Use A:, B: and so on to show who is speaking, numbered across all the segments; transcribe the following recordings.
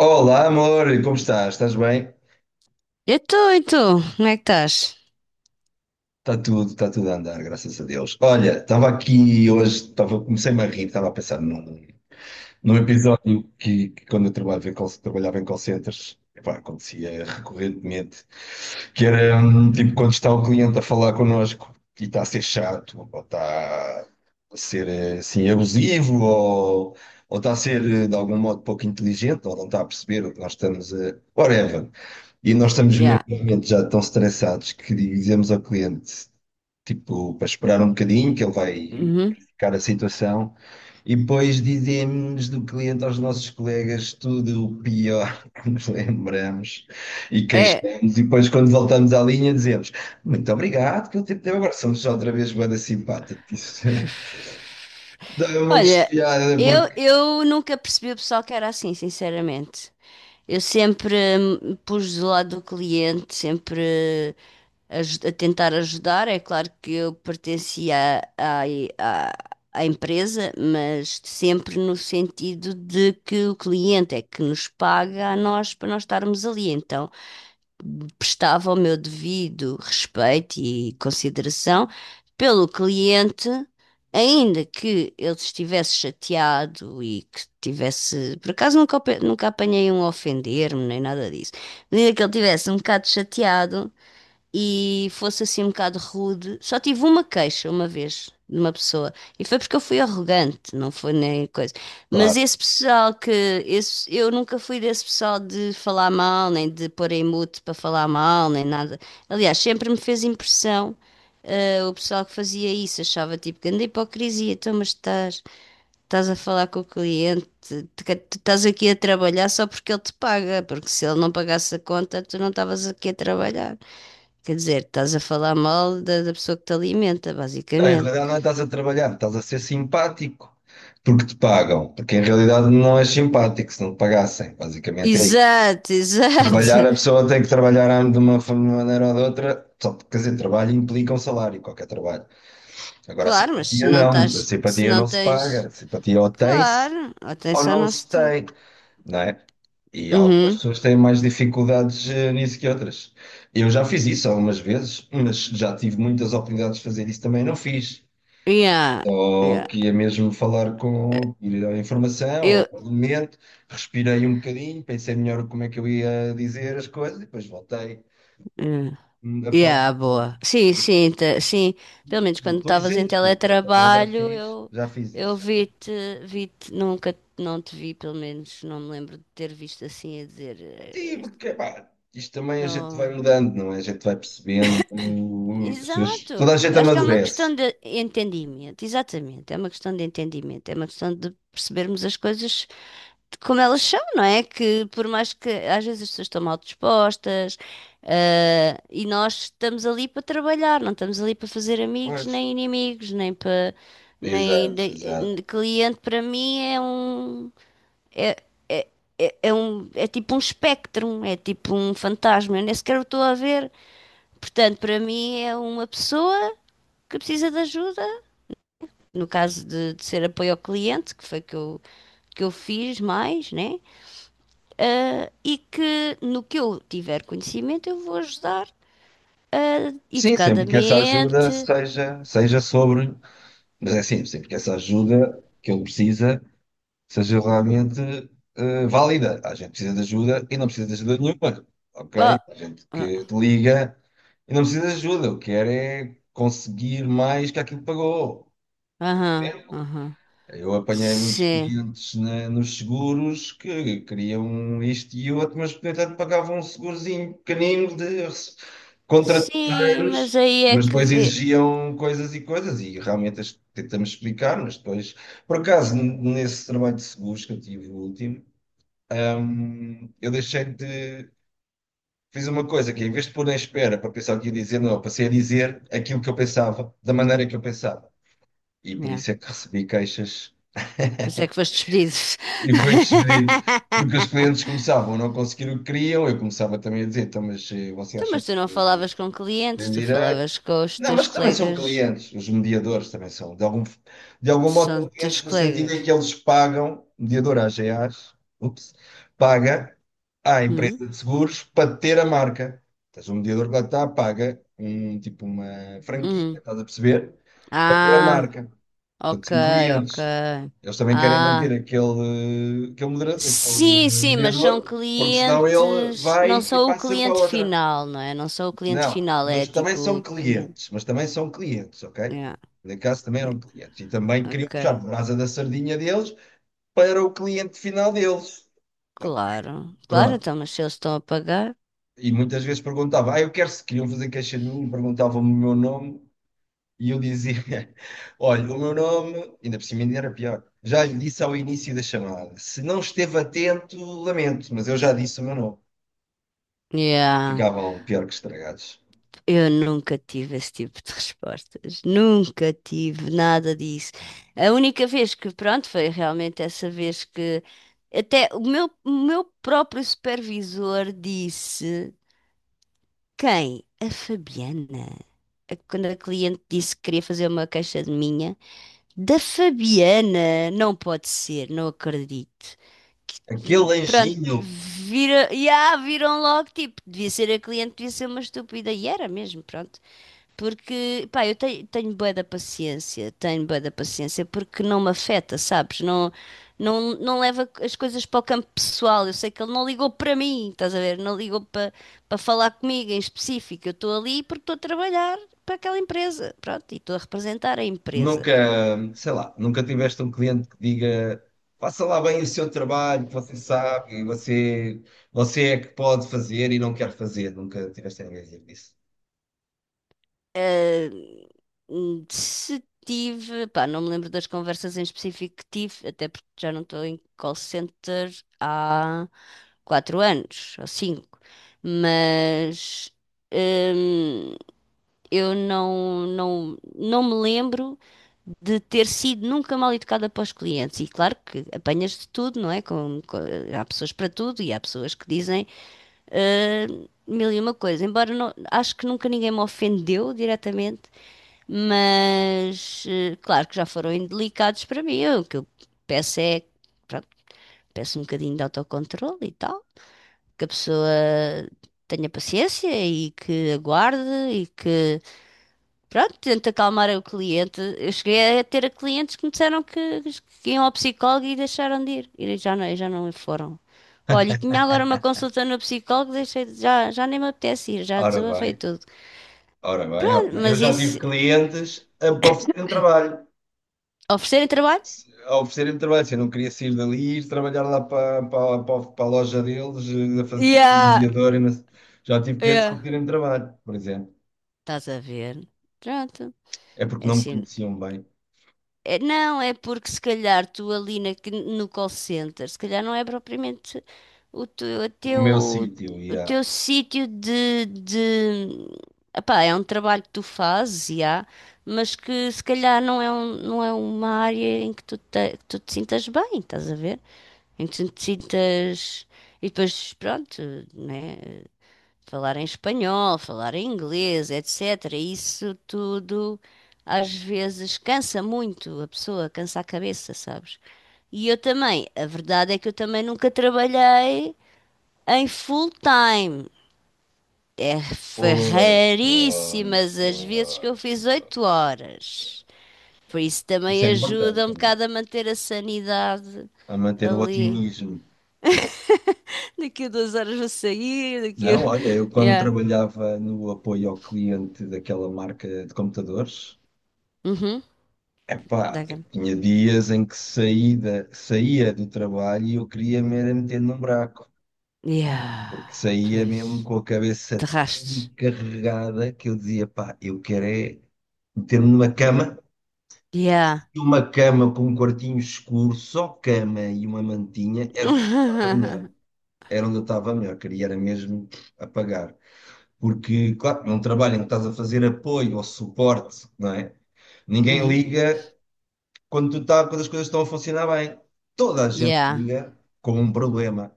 A: Olá, amor, como estás? Estás bem?
B: Eu estou, e tu? Como é que estás?
A: Está tudo a andar, graças a Deus. Olha, estava aqui hoje, estava, comecei-me a rir, estava a pensar num episódio que quando eu trabalhava em call centers, epá, acontecia recorrentemente, que era tipo quando está o cliente a falar connosco e está a ser chato, ou está a ser assim abusivo, ou está a ser de algum modo pouco inteligente, ou não está a perceber o que nós estamos a... Whatever. E nós estamos mesmo
B: Yeah.
A: num momento já tão estressados que dizemos ao cliente, tipo, para esperar um bocadinho, que ele vai
B: Uhum.
A: verificar a situação, e depois dizemos do cliente aos nossos colegas tudo o pior que nos lembramos e
B: É.
A: queixamos, e depois quando voltamos à linha dizemos muito obrigado, que o tempo deu agora somos outra vez banda simpática. Dá um monte de
B: Olha,
A: piada
B: eu,
A: porque,
B: eu nunca percebi o pessoal que era assim, sinceramente. Eu sempre pus do lado do cliente, sempre a tentar ajudar. É claro que eu pertencia à, à empresa, mas sempre no sentido de que o cliente é que nos paga a nós para nós estarmos ali. Então, prestava o meu devido respeito e consideração pelo cliente, ainda que ele estivesse chateado e que tivesse, por acaso nunca, ope- nunca apanhei um a ofender-me nem nada disso, mas ainda que ele estivesse um bocado chateado, e fosse assim um bocado rude. Só tive uma queixa uma vez de uma pessoa e foi porque eu fui arrogante, não foi nem coisa. Mas
A: claro.
B: esse pessoal que esse, eu nunca fui desse pessoal de falar mal, nem de pôr em mute para falar mal, nem nada. Aliás, sempre me fez impressão. Eh, o pessoal que fazia isso achava tipo grande hipocrisia, então, mas estás a falar com o cliente, tu estás aqui a trabalhar só porque ele te paga, porque se ele não pagasse a conta, tu não estavas aqui a trabalhar. Quer dizer, estás a falar mal da pessoa que te alimenta,
A: Não, em
B: basicamente.
A: realidade não é estás a trabalhar, estás a ser simpático porque te pagam, porque em realidade não és simpático se não te pagassem, basicamente é isso.
B: Exato,
A: Trabalhar,
B: exato.
A: a pessoa tem que trabalhar de uma maneira ou de outra, só porque, quer dizer, trabalho implica um salário, qualquer trabalho. Agora,
B: Claro, mas se não
A: a
B: estás, se
A: simpatia
B: não
A: não se paga,
B: tens.
A: a simpatia ou tem-se
B: Claro,
A: ou
B: atenção
A: não
B: não se
A: se
B: está.
A: tem, não é? E algumas
B: Uhum.
A: pessoas têm mais dificuldades nisso que outras. Eu já fiz isso algumas vezes, mas já tive muitas oportunidades de fazer isso também, não fiz.
B: Yeah,
A: Ou
B: yeah.
A: que ia mesmo falar com, ir à informação, ao
B: Eu.
A: parlamento, respirei um bocadinho, pensei melhor como é que eu ia dizer as coisas e depois voltei
B: Yeah,
A: a falar.
B: yeah, boa. Sim, sim, sim. Pelo menos
A: Não
B: quando
A: estou
B: estavas em
A: isento de culpa, também
B: teletrabalho, eu,
A: já fiz
B: eu
A: isso, já fiz.
B: vi-te, vi-te, nunca não te vi, pelo menos não me lembro de ter visto assim a dizer. "Eh,
A: Sim,
B: este...
A: porque pá, isto também a gente vai
B: Não.
A: mudando, não é? A gente vai percebendo,
B: Exato.
A: toda a gente
B: Eu acho que é uma
A: amadurece.
B: questão de entendimento, exatamente. É uma questão de entendimento, é uma questão de percebermos as coisas de como elas são, não é? Que por mais que às vezes as pessoas estão mal dispostas, e nós estamos ali para trabalhar, não estamos ali para fazer amigos
A: Pois.
B: nem inimigos, nem para
A: Exato, exato.
B: cliente para mim é, é, é um é tipo um espectro, é tipo um fantasma. Eu nem sequer o estou a ver. Portanto, para mim é uma pessoa que precisa de ajuda, no caso de ser apoio ao cliente, que eu fiz mais, né? E que no que eu tiver conhecimento eu vou ajudar
A: Sim, sempre que essa ajuda
B: educadamente.
A: seja, seja sobre, mas é assim, sempre que essa ajuda que ele precisa seja realmente válida. A gente precisa de ajuda e não precisa de ajuda nenhuma,
B: Ah,
A: ok? A gente
B: ah.
A: que te liga e não precisa de ajuda, o que quer é conseguir mais que aquilo que pagou.
B: Aham,
A: Certo?
B: aham.
A: Eu apanhei muitos
B: Sim,
A: clientes nos seguros que queriam isto e outro, mas, no entanto, pagavam um segurozinho pequenino de contra
B: sim,
A: terceiros,
B: mas aí é
A: mas
B: que
A: depois
B: vê.
A: exigiam coisas e coisas, e realmente as tentamos explicar, mas depois, por acaso, nesse trabalho de seguros que eu tive o último, eu deixei de. Fiz uma coisa que, em vez de pôr na espera para pensar o que ia dizer, não, eu passei a dizer aquilo que eu pensava, da maneira que eu pensava. E por
B: Yeah.
A: isso é que recebi queixas.
B: Pois é que foste despedido.
A: E foi despedido. Porque os clientes começavam a não conseguir o que queriam, eu começava também a dizer, então, mas você
B: Então,
A: acha
B: mas tu não
A: que
B: falavas com clientes,
A: tem
B: tu
A: direito?
B: falavas com os
A: Não,
B: teus
A: mas também são
B: colegas.
A: clientes, os mediadores também são. De algum modo
B: São
A: são
B: teus
A: clientes no sentido
B: colegas.
A: em que eles pagam, o mediador AGAs, ups, paga à
B: Hum?
A: empresa de seguros para ter a marca. Estás o mediador que lá está, paga um, tipo uma franquia,
B: Hum.
A: estás a perceber? Para ter a
B: Ah,
A: marca. Portanto,
B: ok,
A: são
B: ok.
A: clientes. Eles também querem manter
B: Ah,
A: aquele
B: sim, sim, mas são
A: mediador, porque senão ele
B: clientes.
A: vai
B: Não
A: e
B: são o
A: passa para
B: cliente
A: outra.
B: final, não é? Não são o cliente
A: Não,
B: final, é
A: mas também
B: tipo
A: são
B: o cliente.
A: clientes, mas também são clientes, ok?
B: Yeah.
A: Por acaso também eram clientes. E também queriam
B: Ok,
A: puxar a brasa da sardinha deles para o cliente final deles.
B: claro. Claro,
A: Pronto.
B: então, mas se eles estão a pagar.
A: E muitas vezes perguntava, ah, eu quero se queriam fazer queixa de mim, perguntavam-me o meu nome. E eu dizia: Olha, o meu nome, ainda por cima ainda era pior, já lhe disse ao início da chamada. Se não esteve atento, lamento, mas eu já disse o meu nome.
B: Yeah.
A: Ficavam pior que estragados.
B: Eu nunca tive esse tipo de respostas, nunca tive nada disso. A única vez que, pronto, foi realmente essa vez que até o meu próprio supervisor disse: quem? A Fabiana. A- quando a cliente disse que queria fazer uma queixa de minha, da Fabiana, não pode ser, não acredito.
A: Aquele
B: Pronto,
A: anjinho,
B: vira, yeah, viram logo, tipo, devia ser a cliente, devia ser uma estúpida, e era mesmo, pronto. Porque, pá, eu tenho, tenho bué da paciência, tenho bué da paciência, porque não me afeta, sabes? Não, não leva as coisas para o campo pessoal. Eu sei que ele não ligou para mim, estás a ver? Não ligou para falar comigo em específico. Eu estou ali porque estou a trabalhar para aquela empresa, pronto, e estou a representar a empresa.
A: nunca, sei lá, nunca tiveste um cliente que diga: faça lá bem o seu trabalho, que você sabe, e você, você é que pode fazer e não quer fazer. Nunca tiveste ninguém a dizer isso.
B: Ah, se tive, pá, não me lembro das conversas em específico que tive, até porque já não estou em call center há quatro anos ou cinco, mas. Eu não, não me lembro de ter sido nunca mal educada para os clientes. E claro que apanhas de tudo, não é? Há pessoas para tudo e há pessoas que dizem ah, mil e uma coisa. Embora não- Acho que nunca ninguém me ofendeu diretamente, mas claro que já foram indelicados para mim. O que eu peço é, pronto, peço um bocadinho de autocontrole e tal, que a pessoa tenha paciência e que aguarde e que pronto, tento acalmar o cliente. Eu cheguei a ter clientes que me disseram que iam ao psicólogo e deixaram de ir. E já não foram. Olha, e tinha agora uma consulta no psicólogo, já, já nem me apetece ir, já
A: Ora
B: desabafei
A: bem,
B: tudo.
A: ora bem, ora
B: Pronto,
A: bem. Eu
B: mas
A: já
B: isso,
A: tive clientes a oferecer um trabalho.
B: oferecerem trabalho?
A: A oferecerem-me trabalho. Se eu não queria sair dali e ir trabalhar lá para a loja deles, a fazer como
B: Yeah,
A: mediador. E não sei. Já tive clientes a
B: yeah.
A: pedirem-me trabalho, por exemplo.
B: Estás a ver? Pronto.
A: É porque
B: É
A: não me
B: assim,
A: conheciam bem.
B: é, não, é porque se calhar tu ali no call center, se calhar não é propriamente o teu, o
A: O
B: teu,
A: meu sítio, e
B: o
A: há.
B: teu sítio de... Epá, é um trabalho que tu fazes, e há, mas que se calhar não é, não é uma área em que tu te sintas bem, estás a ver? Em que tu te sintas... E depois, pronto, né? Falar em espanhol, falar em inglês, etc. Isso tudo às vezes cansa muito a pessoa, cansa a cabeça, sabes? E eu também, a verdade é que eu também nunca trabalhei em full time. É, foi
A: Pois, pois,
B: raríssimas as vezes que eu
A: pois,
B: fiz
A: pois,
B: oito
A: pois.
B: horas. Por isso
A: Isso
B: também
A: é importante
B: ajuda um
A: também,
B: bocado a manter a sanidade
A: a manter o
B: ali.
A: otimismo.
B: Daqui a duas horas vou sair, daqui
A: Não,
B: a...
A: olha, eu quando
B: Yeah.
A: trabalhava no apoio ao cliente daquela marca de computadores,
B: Uhum.
A: epá,
B: Dá cá.
A: eu tinha dias em que saía do trabalho e eu queria me era meter num buraco, porque
B: Yeah,
A: saía mesmo
B: pois.
A: com a cabeça
B: De
A: tão
B: rastos.
A: carregada que eu dizia, pá, eu quero é meter-me numa cama,
B: Yeah.
A: e uma cama com um quartinho escuro, só cama e uma mantinha, era onde eu estava melhor, era onde eu estava melhor, queria era mesmo apagar. Porque, claro, num trabalho em que estás a fazer apoio ou suporte, não é? Ninguém
B: Uhum.
A: liga quando, quando as coisas estão a funcionar bem. Toda a gente
B: Yeah.
A: liga com um problema.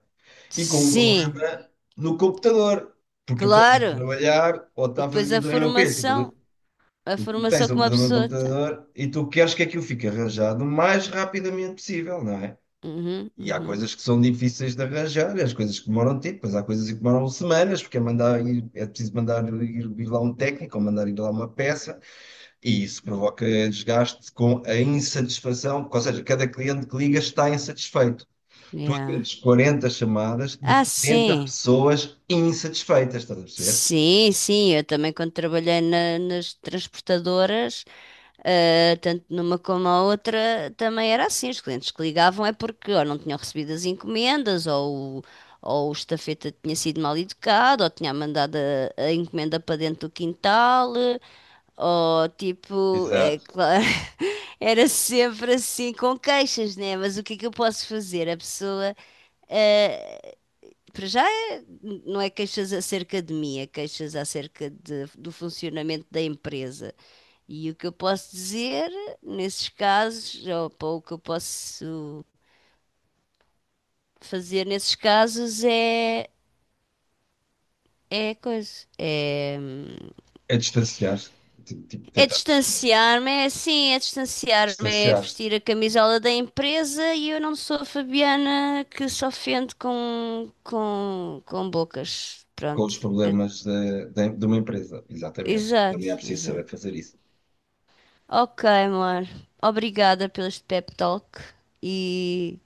A: E com um
B: Sim,
A: problema no computador. Porque a pessoa está a
B: claro.
A: trabalhar ou
B: E
A: está a
B: depois
A: fazer. E de repente, tipo,
B: a
A: tu
B: formação
A: tens
B: que
A: um
B: uma
A: problema no
B: pessoa tem.
A: computador e tu queres que aquilo fique arranjado o mais rapidamente possível, não é?
B: Uhum,
A: E há
B: uhum.
A: coisas que são difíceis de arranjar, as coisas que demoram tempo, mas há coisas que demoram semanas, porque é mandar ir, é preciso mandar ir, ir lá um técnico, ou mandar ir lá uma peça. E isso provoca desgaste com a insatisfação, ou seja, cada cliente que liga está insatisfeito. Tu
B: Yeah.
A: atendes 40 chamadas de
B: Ah,
A: 40
B: sim.
A: pessoas insatisfeitas, estás a perceber?
B: Sim, sim. Eu também quando trabalhei nas transportadoras, uh, tanto numa como a outra também era assim. Os clientes que ligavam é porque ou não tinham recebido as encomendas, ou o estafeta tinha sido mal educado, ou tinha mandado a encomenda para dentro do quintal, ou tipo, é
A: Exato.
B: claro, era sempre assim com queixas, né? Mas o que é que eu posso fazer? A pessoa, uh, para já, não é queixas acerca de mim, é queixas acerca do funcionamento da empresa. E o que eu posso dizer nesses casos, ou pá, o que eu posso fazer nesses casos é, é coisa. É,
A: É distanciar-se, tipo,
B: é
A: tentar
B: distanciar-me, é assim, é distanciar-me, é
A: distanciar-se
B: vestir a camisola da empresa e eu não sou a Fabiana que se ofende com bocas.
A: com
B: Pronto.
A: os
B: Eu-
A: problemas de uma empresa. Exatamente.
B: exato,
A: Também é preciso
B: exato.
A: saber fazer isso.
B: Ok, amor. Obrigada pelo este pep talk e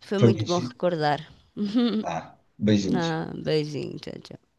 B: foi
A: Foi
B: muito
A: muito
B: bom
A: giro.
B: recordar.
A: Tá. Beijinhos.
B: Ah, beijinho, tchau, tchau.